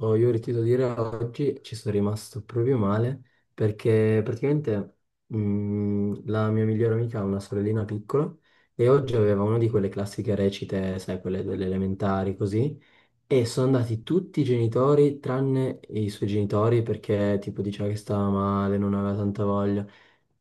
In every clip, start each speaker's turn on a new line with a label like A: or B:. A: Oh, io ti devo dire, oggi ci sono rimasto proprio male perché praticamente la mia migliore amica ha una sorellina piccola e oggi aveva una di quelle classiche recite, sai, quelle delle elementari così, e sono andati tutti i genitori tranne i suoi genitori perché tipo diceva che stava male, non aveva tanta voglia.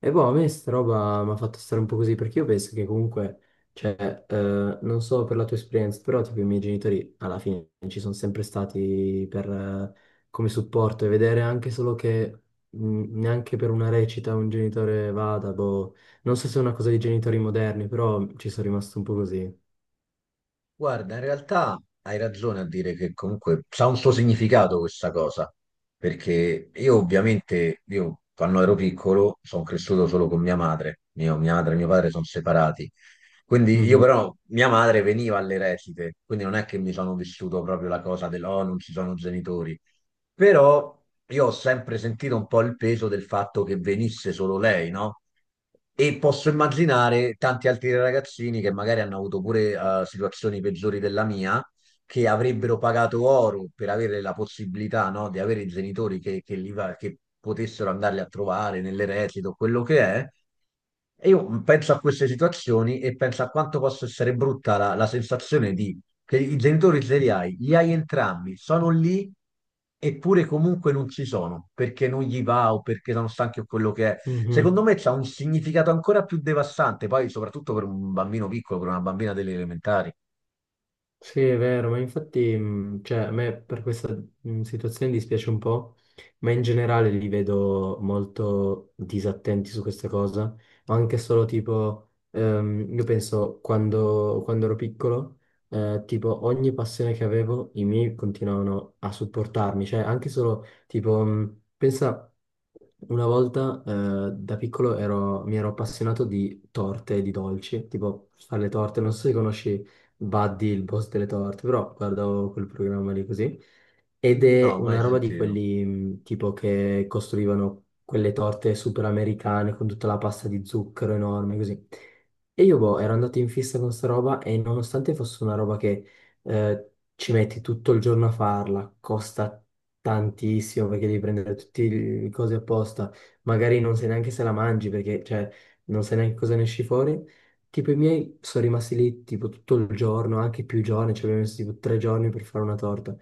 A: E boh, a me sta roba mi ha fatto stare un po' così, perché io penso che comunque, cioè, non so per la tua esperienza, però tipo i miei genitori alla fine ci sono sempre stati per, come supporto e vedere anche solo che neanche per una recita un genitore vada, boh, non so se è una cosa dei genitori moderni, però ci sono rimasto un po' così.
B: Guarda, in realtà hai ragione a dire che comunque ha un suo significato questa cosa, perché io ovviamente, io quando ero piccolo sono cresciuto solo con mia madre, mia madre e mio padre sono separati, quindi io
A: Mhm,
B: però mia madre veniva alle recite, quindi non è che mi sono vissuto proprio la cosa del oh non ci sono genitori, però io ho sempre sentito un po' il peso del fatto che venisse solo lei, no? E posso immaginare tanti altri ragazzini che magari hanno avuto pure situazioni peggiori della mia, che avrebbero pagato oro per avere la possibilità, no, di avere i genitori che che potessero andarli a trovare nell'eredito, quello che è. E io penso a queste situazioni e penso a quanto possa essere brutta la sensazione di che i genitori ce li hai entrambi, sono lì eppure comunque non ci sono, perché non gli va o perché sono stanchi o quello che è. Secondo
A: mhm.
B: me c'ha un significato ancora più devastante, poi soprattutto per un bambino piccolo, per una bambina delle elementari.
A: Sì, è vero, ma infatti, cioè, a me per questa situazione dispiace un po', ma in generale li vedo molto disattenti su questa cosa, anche solo tipo, io penso quando, ero piccolo, tipo ogni passione che avevo, i miei continuavano a supportarmi, cioè anche solo tipo, pensa... Una volta da piccolo mi ero appassionato di torte e di dolci, tipo fare le torte, non so se conosci Buddy, il boss delle torte, però guardavo quel programma lì così. Ed
B: No,
A: è
B: mai
A: una roba di
B: sentito.
A: quelli tipo che costruivano quelle torte super americane con tutta la pasta di zucchero enorme, così. E io, boh, ero andato in fissa con sta roba e nonostante fosse una roba che ci metti tutto il giorno a farla, costa tantissimo perché devi prendere tutte le cose apposta, magari non sai neanche se la mangi perché, cioè, non sai neanche cosa ne esci fuori. Tipo i miei sono rimasti lì tipo tutto il giorno, anche più giorni, ci abbiamo messo tipo 3 giorni per fare una torta.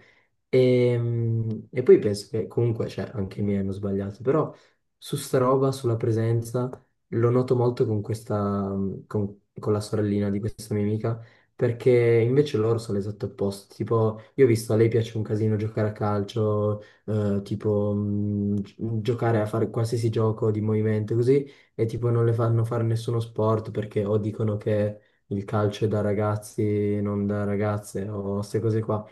A: E poi penso che comunque, cioè, anche i miei hanno sbagliato, però su sta roba, sulla presenza, lo noto molto con questa, con, la sorellina di questa mia amica, perché invece loro sono l'esatto opposto. Tipo, io ho visto a lei piace un casino giocare a calcio, tipo, giocare a fare qualsiasi gioco di movimento, così, e tipo non le fanno fare nessuno sport perché o dicono che il calcio è da ragazzi, non da ragazze, o queste cose qua.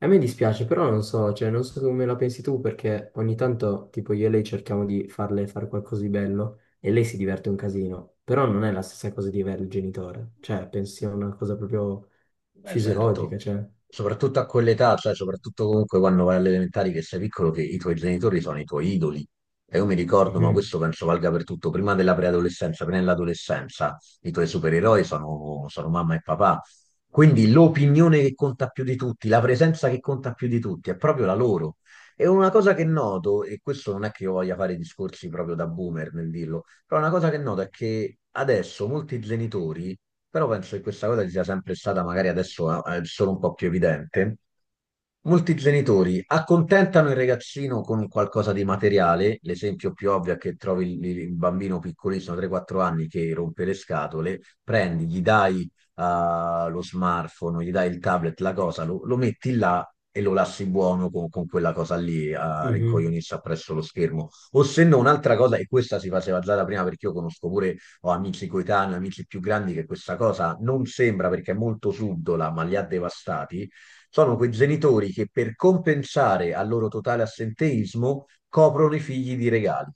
A: A me dispiace, però non so, cioè, non so come la pensi tu, perché ogni tanto, tipo, io e lei cerchiamo di farle fare qualcosa di bello e lei si diverte un casino, però non è la stessa cosa di avere il genitore, cioè, penso sia una cosa proprio
B: Beh, certo.
A: fisiologica, cioè.
B: Soprattutto a quell'età, cioè soprattutto comunque quando vai alle elementari che sei piccolo, che i tuoi genitori sono i tuoi idoli. E io mi ricordo, ma
A: Mhm,
B: questo penso valga per tutto, prima della preadolescenza, prima dell'adolescenza, i tuoi supereroi sono mamma e papà. Quindi l'opinione che conta più di tutti, la presenza che conta più di tutti, è proprio la loro. E una cosa che noto, e questo non è che io voglia fare discorsi proprio da boomer nel dirlo, però una cosa che noto è che adesso molti genitori, però penso che questa cosa ci sia sempre stata, magari adesso è solo un po' più evidente. Molti genitori accontentano il ragazzino con un qualcosa di materiale, l'esempio più ovvio è che trovi il bambino piccolissimo, 3-4 anni, che rompe le scatole, prendi, gli dai lo smartphone, gli dai il tablet, la cosa, lo metti là e lo lasci buono con quella cosa lì a
A: mhm,
B: rincoglionirsi appresso lo schermo. O se no, un'altra cosa, e questa si faceva già da prima perché io conosco pure, ho amici coetanei, amici più grandi, che questa cosa non sembra perché è molto subdola, ma li ha devastati, sono quei genitori che per compensare al loro totale assenteismo coprono i figli di regali.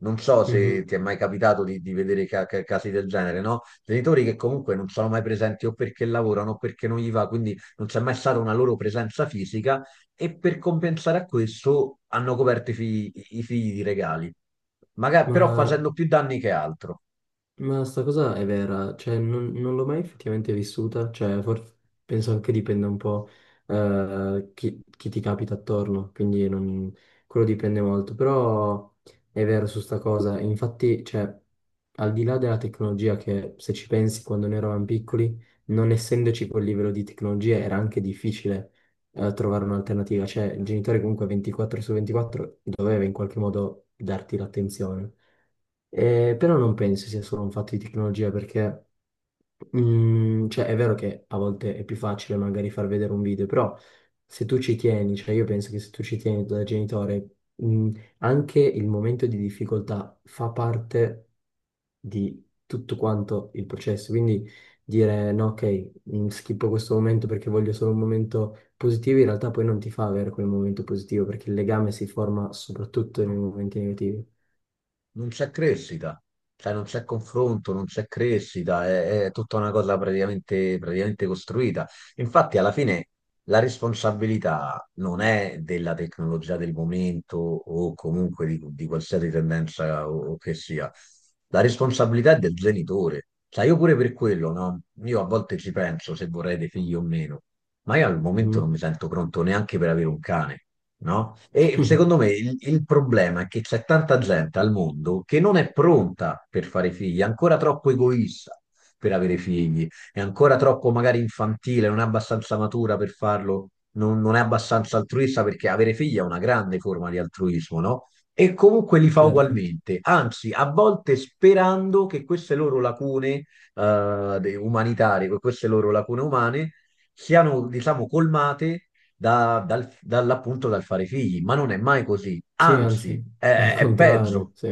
B: Non so
A: mhm.
B: se ti è mai capitato di vedere casi del genere, no? Genitori che comunque non sono mai presenti o perché lavorano o perché non gli va, quindi non c'è mai stata una loro presenza fisica, e per compensare a questo hanno coperto i figli di regali, però
A: Ma
B: facendo più danni che altro.
A: Ma sta cosa è vera, cioè non, l'ho mai effettivamente vissuta, cioè forse penso anche dipenda un po' chi, ti capita attorno, quindi quello dipende molto, però è vero su sta cosa, infatti cioè, al di là della tecnologia che se ci pensi quando noi eravamo piccoli, non essendoci quel livello di tecnologia era anche difficile trovare un'alternativa, cioè il genitore comunque 24 su 24 doveva in qualche modo darti l'attenzione. Però non penso sia solo un fatto di tecnologia perché, cioè, è vero che a volte è più facile magari far vedere un video, però se tu ci tieni, cioè io penso che se tu ci tieni da genitore, mm, anche il momento di difficoltà fa parte di tutto quanto il processo. Quindi dire no, ok, schippo questo momento perché voglio solo un momento positivo, in realtà poi non ti fa avere quel momento positivo perché il legame si forma soprattutto nei
B: No,
A: momenti negativi.
B: non c'è crescita, cioè non c'è confronto, non c'è crescita, è tutta una cosa praticamente costruita. Infatti, alla fine la responsabilità non è della tecnologia del momento o comunque di qualsiasi tendenza o che sia, la responsabilità è del genitore. Cioè, io pure per quello, no? Io a volte ci penso se vorrei dei figli o meno, ma io al momento non mi
A: Mm.
B: sento pronto neanche per avere un cane, no? E secondo me il problema è che c'è tanta gente al mondo che non è pronta per fare figli, è ancora troppo egoista per avere figli, è ancora troppo magari infantile, non è abbastanza matura per farlo, non è abbastanza altruista perché avere figli è una grande forma di altruismo, no? E comunque li fa
A: Certo.
B: ugualmente, anzi, a volte sperando che queste loro lacune umanitarie, queste loro lacune umane siano, diciamo, colmate dall'appunto dal fare figli, ma non è mai così,
A: Sì,
B: anzi
A: anzi, è il
B: è
A: contrario,
B: peggio.
A: sì.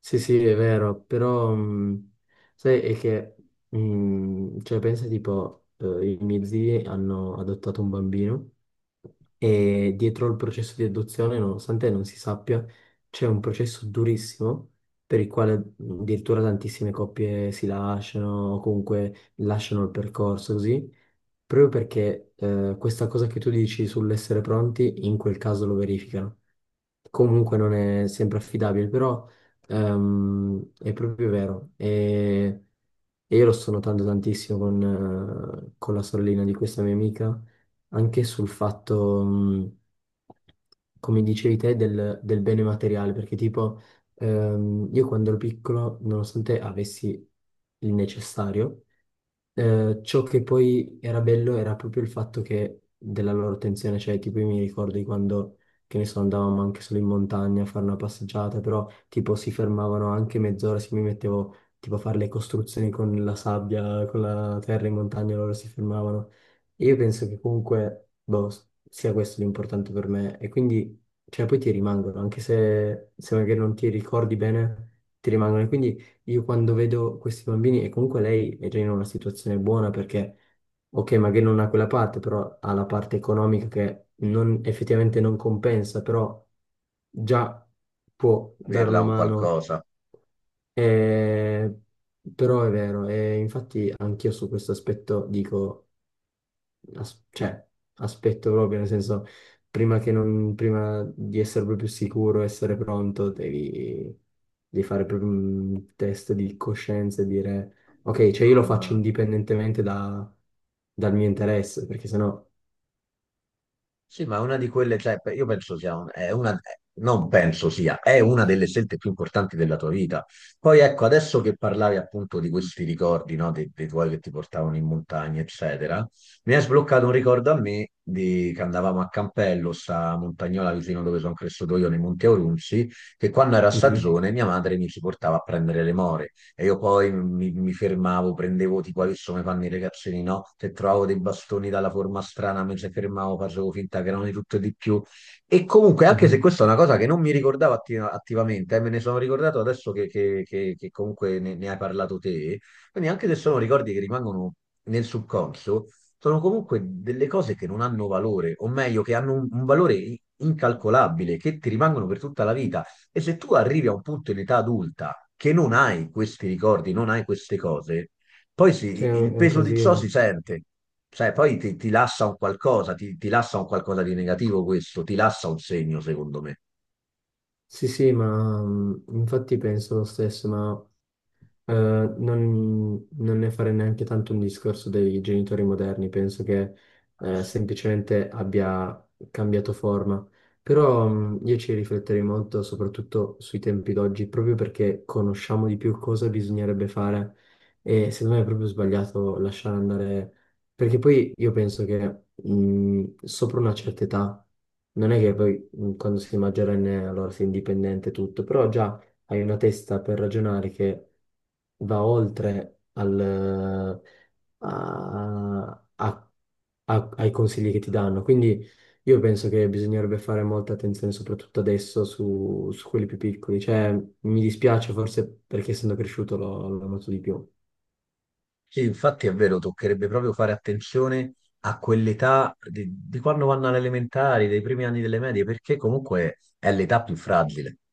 A: Sì, sì, è vero, però sai, è che, cioè, pensa tipo, i miei zii hanno adottato un bambino e dietro il processo di adozione, nonostante non si sappia, c'è un processo durissimo per il quale addirittura tantissime coppie si lasciano o comunque lasciano il percorso così. Proprio perché questa cosa che tu dici sull'essere pronti, in quel caso lo verificano. Comunque non è sempre affidabile, però è proprio vero. E io lo sto notando tantissimo con, la sorellina di questa mia amica, anche sul fatto, come dicevi te, del, bene materiale, perché tipo io quando ero piccolo, nonostante avessi il necessario, ciò che poi era bello era proprio il fatto che della loro tensione, cioè tipo io mi ricordo di quando, che ne so, andavamo anche solo in montagna a fare una passeggiata, però tipo si fermavano anche mezz'ora, se mi mettevo tipo a fare le costruzioni con la sabbia, con la terra in montagna, loro si fermavano. E io penso che comunque, boh, sia questo l'importante per me e quindi, cioè poi ti rimangono, anche se, magari non ti ricordi bene, ti rimangono. E quindi io quando vedo questi bambini, e comunque lei è già in una situazione buona perché, ok, magari non ha quella parte, però ha la parte economica che effettivamente non compensa, però già può dare
B: Averla
A: una
B: un
A: mano,
B: qualcosa.
A: eh, però è vero, e infatti anch'io su questo aspetto dico cioè, aspetto proprio, nel senso, prima che non, prima di essere proprio sicuro, essere pronto, devi, fare proprio un test di coscienza e dire, ok, cioè io lo
B: No,
A: faccio
B: ma
A: indipendentemente dal mio interesse, perché sennò...
B: sì, ma è una di quelle, cioè, io penso sia è una, non penso sia, è una delle scelte più importanti della tua vita. Poi ecco, adesso che parlavi appunto di questi ricordi, no, dei, dei tuoi che ti portavano in montagna, eccetera, mi hai sbloccato un ricordo a me di che andavamo a Campello, sta montagnola vicino dove sono cresciuto io, nei Monti Aurunzi, che quando era
A: Mhm,
B: stagione mia madre mi ci portava a prendere le more. E io poi mi fermavo, prendevo tipo adesso come fanno i ragazzini, no? Se trovavo dei bastoni dalla forma strana, mi ci fermavo, facevo finta che erano di tutto e di più. E comunque, anche se
A: mhm.
B: questa è una cosa che non mi ricordavo attivamente, me ne sono ricordato adesso che comunque ne hai parlato te, quindi anche se sono ricordi che rimangono nel subconscio, sono comunque delle cose che non hanno valore, o meglio, che hanno un valore incalcolabile, che ti rimangono per tutta la vita. E se tu arrivi a un punto in età adulta che non hai questi ricordi, non hai queste cose, poi
A: Cioè,
B: il
A: è un
B: peso di ciò si
A: casino.
B: sente, cioè poi ti lascia un qualcosa, ti lascia un qualcosa di negativo questo, ti lascia un segno, secondo me.
A: Sì, sì, ma infatti penso lo stesso, ma non, ne farei neanche tanto un discorso dei genitori moderni, penso che semplicemente abbia cambiato forma. Però io ci rifletterei molto, soprattutto sui tempi d'oggi, proprio perché conosciamo di più cosa bisognerebbe fare e secondo me è proprio sbagliato lasciare andare, perché poi io penso che sopra una certa età, non è che poi quando sei maggiorenne allora sei indipendente e tutto, però già hai una testa per ragionare che va oltre al, a- a- ai consigli che ti danno. Quindi io penso che bisognerebbe fare molta attenzione, soprattutto adesso, su, quelli più piccoli. Cioè, mi dispiace forse perché essendo cresciuto l'ho noto di più.
B: Sì, infatti è vero, toccherebbe proprio fare attenzione a quell'età di quando vanno alle elementari, dei primi anni delle medie, perché comunque è l'età più fragile.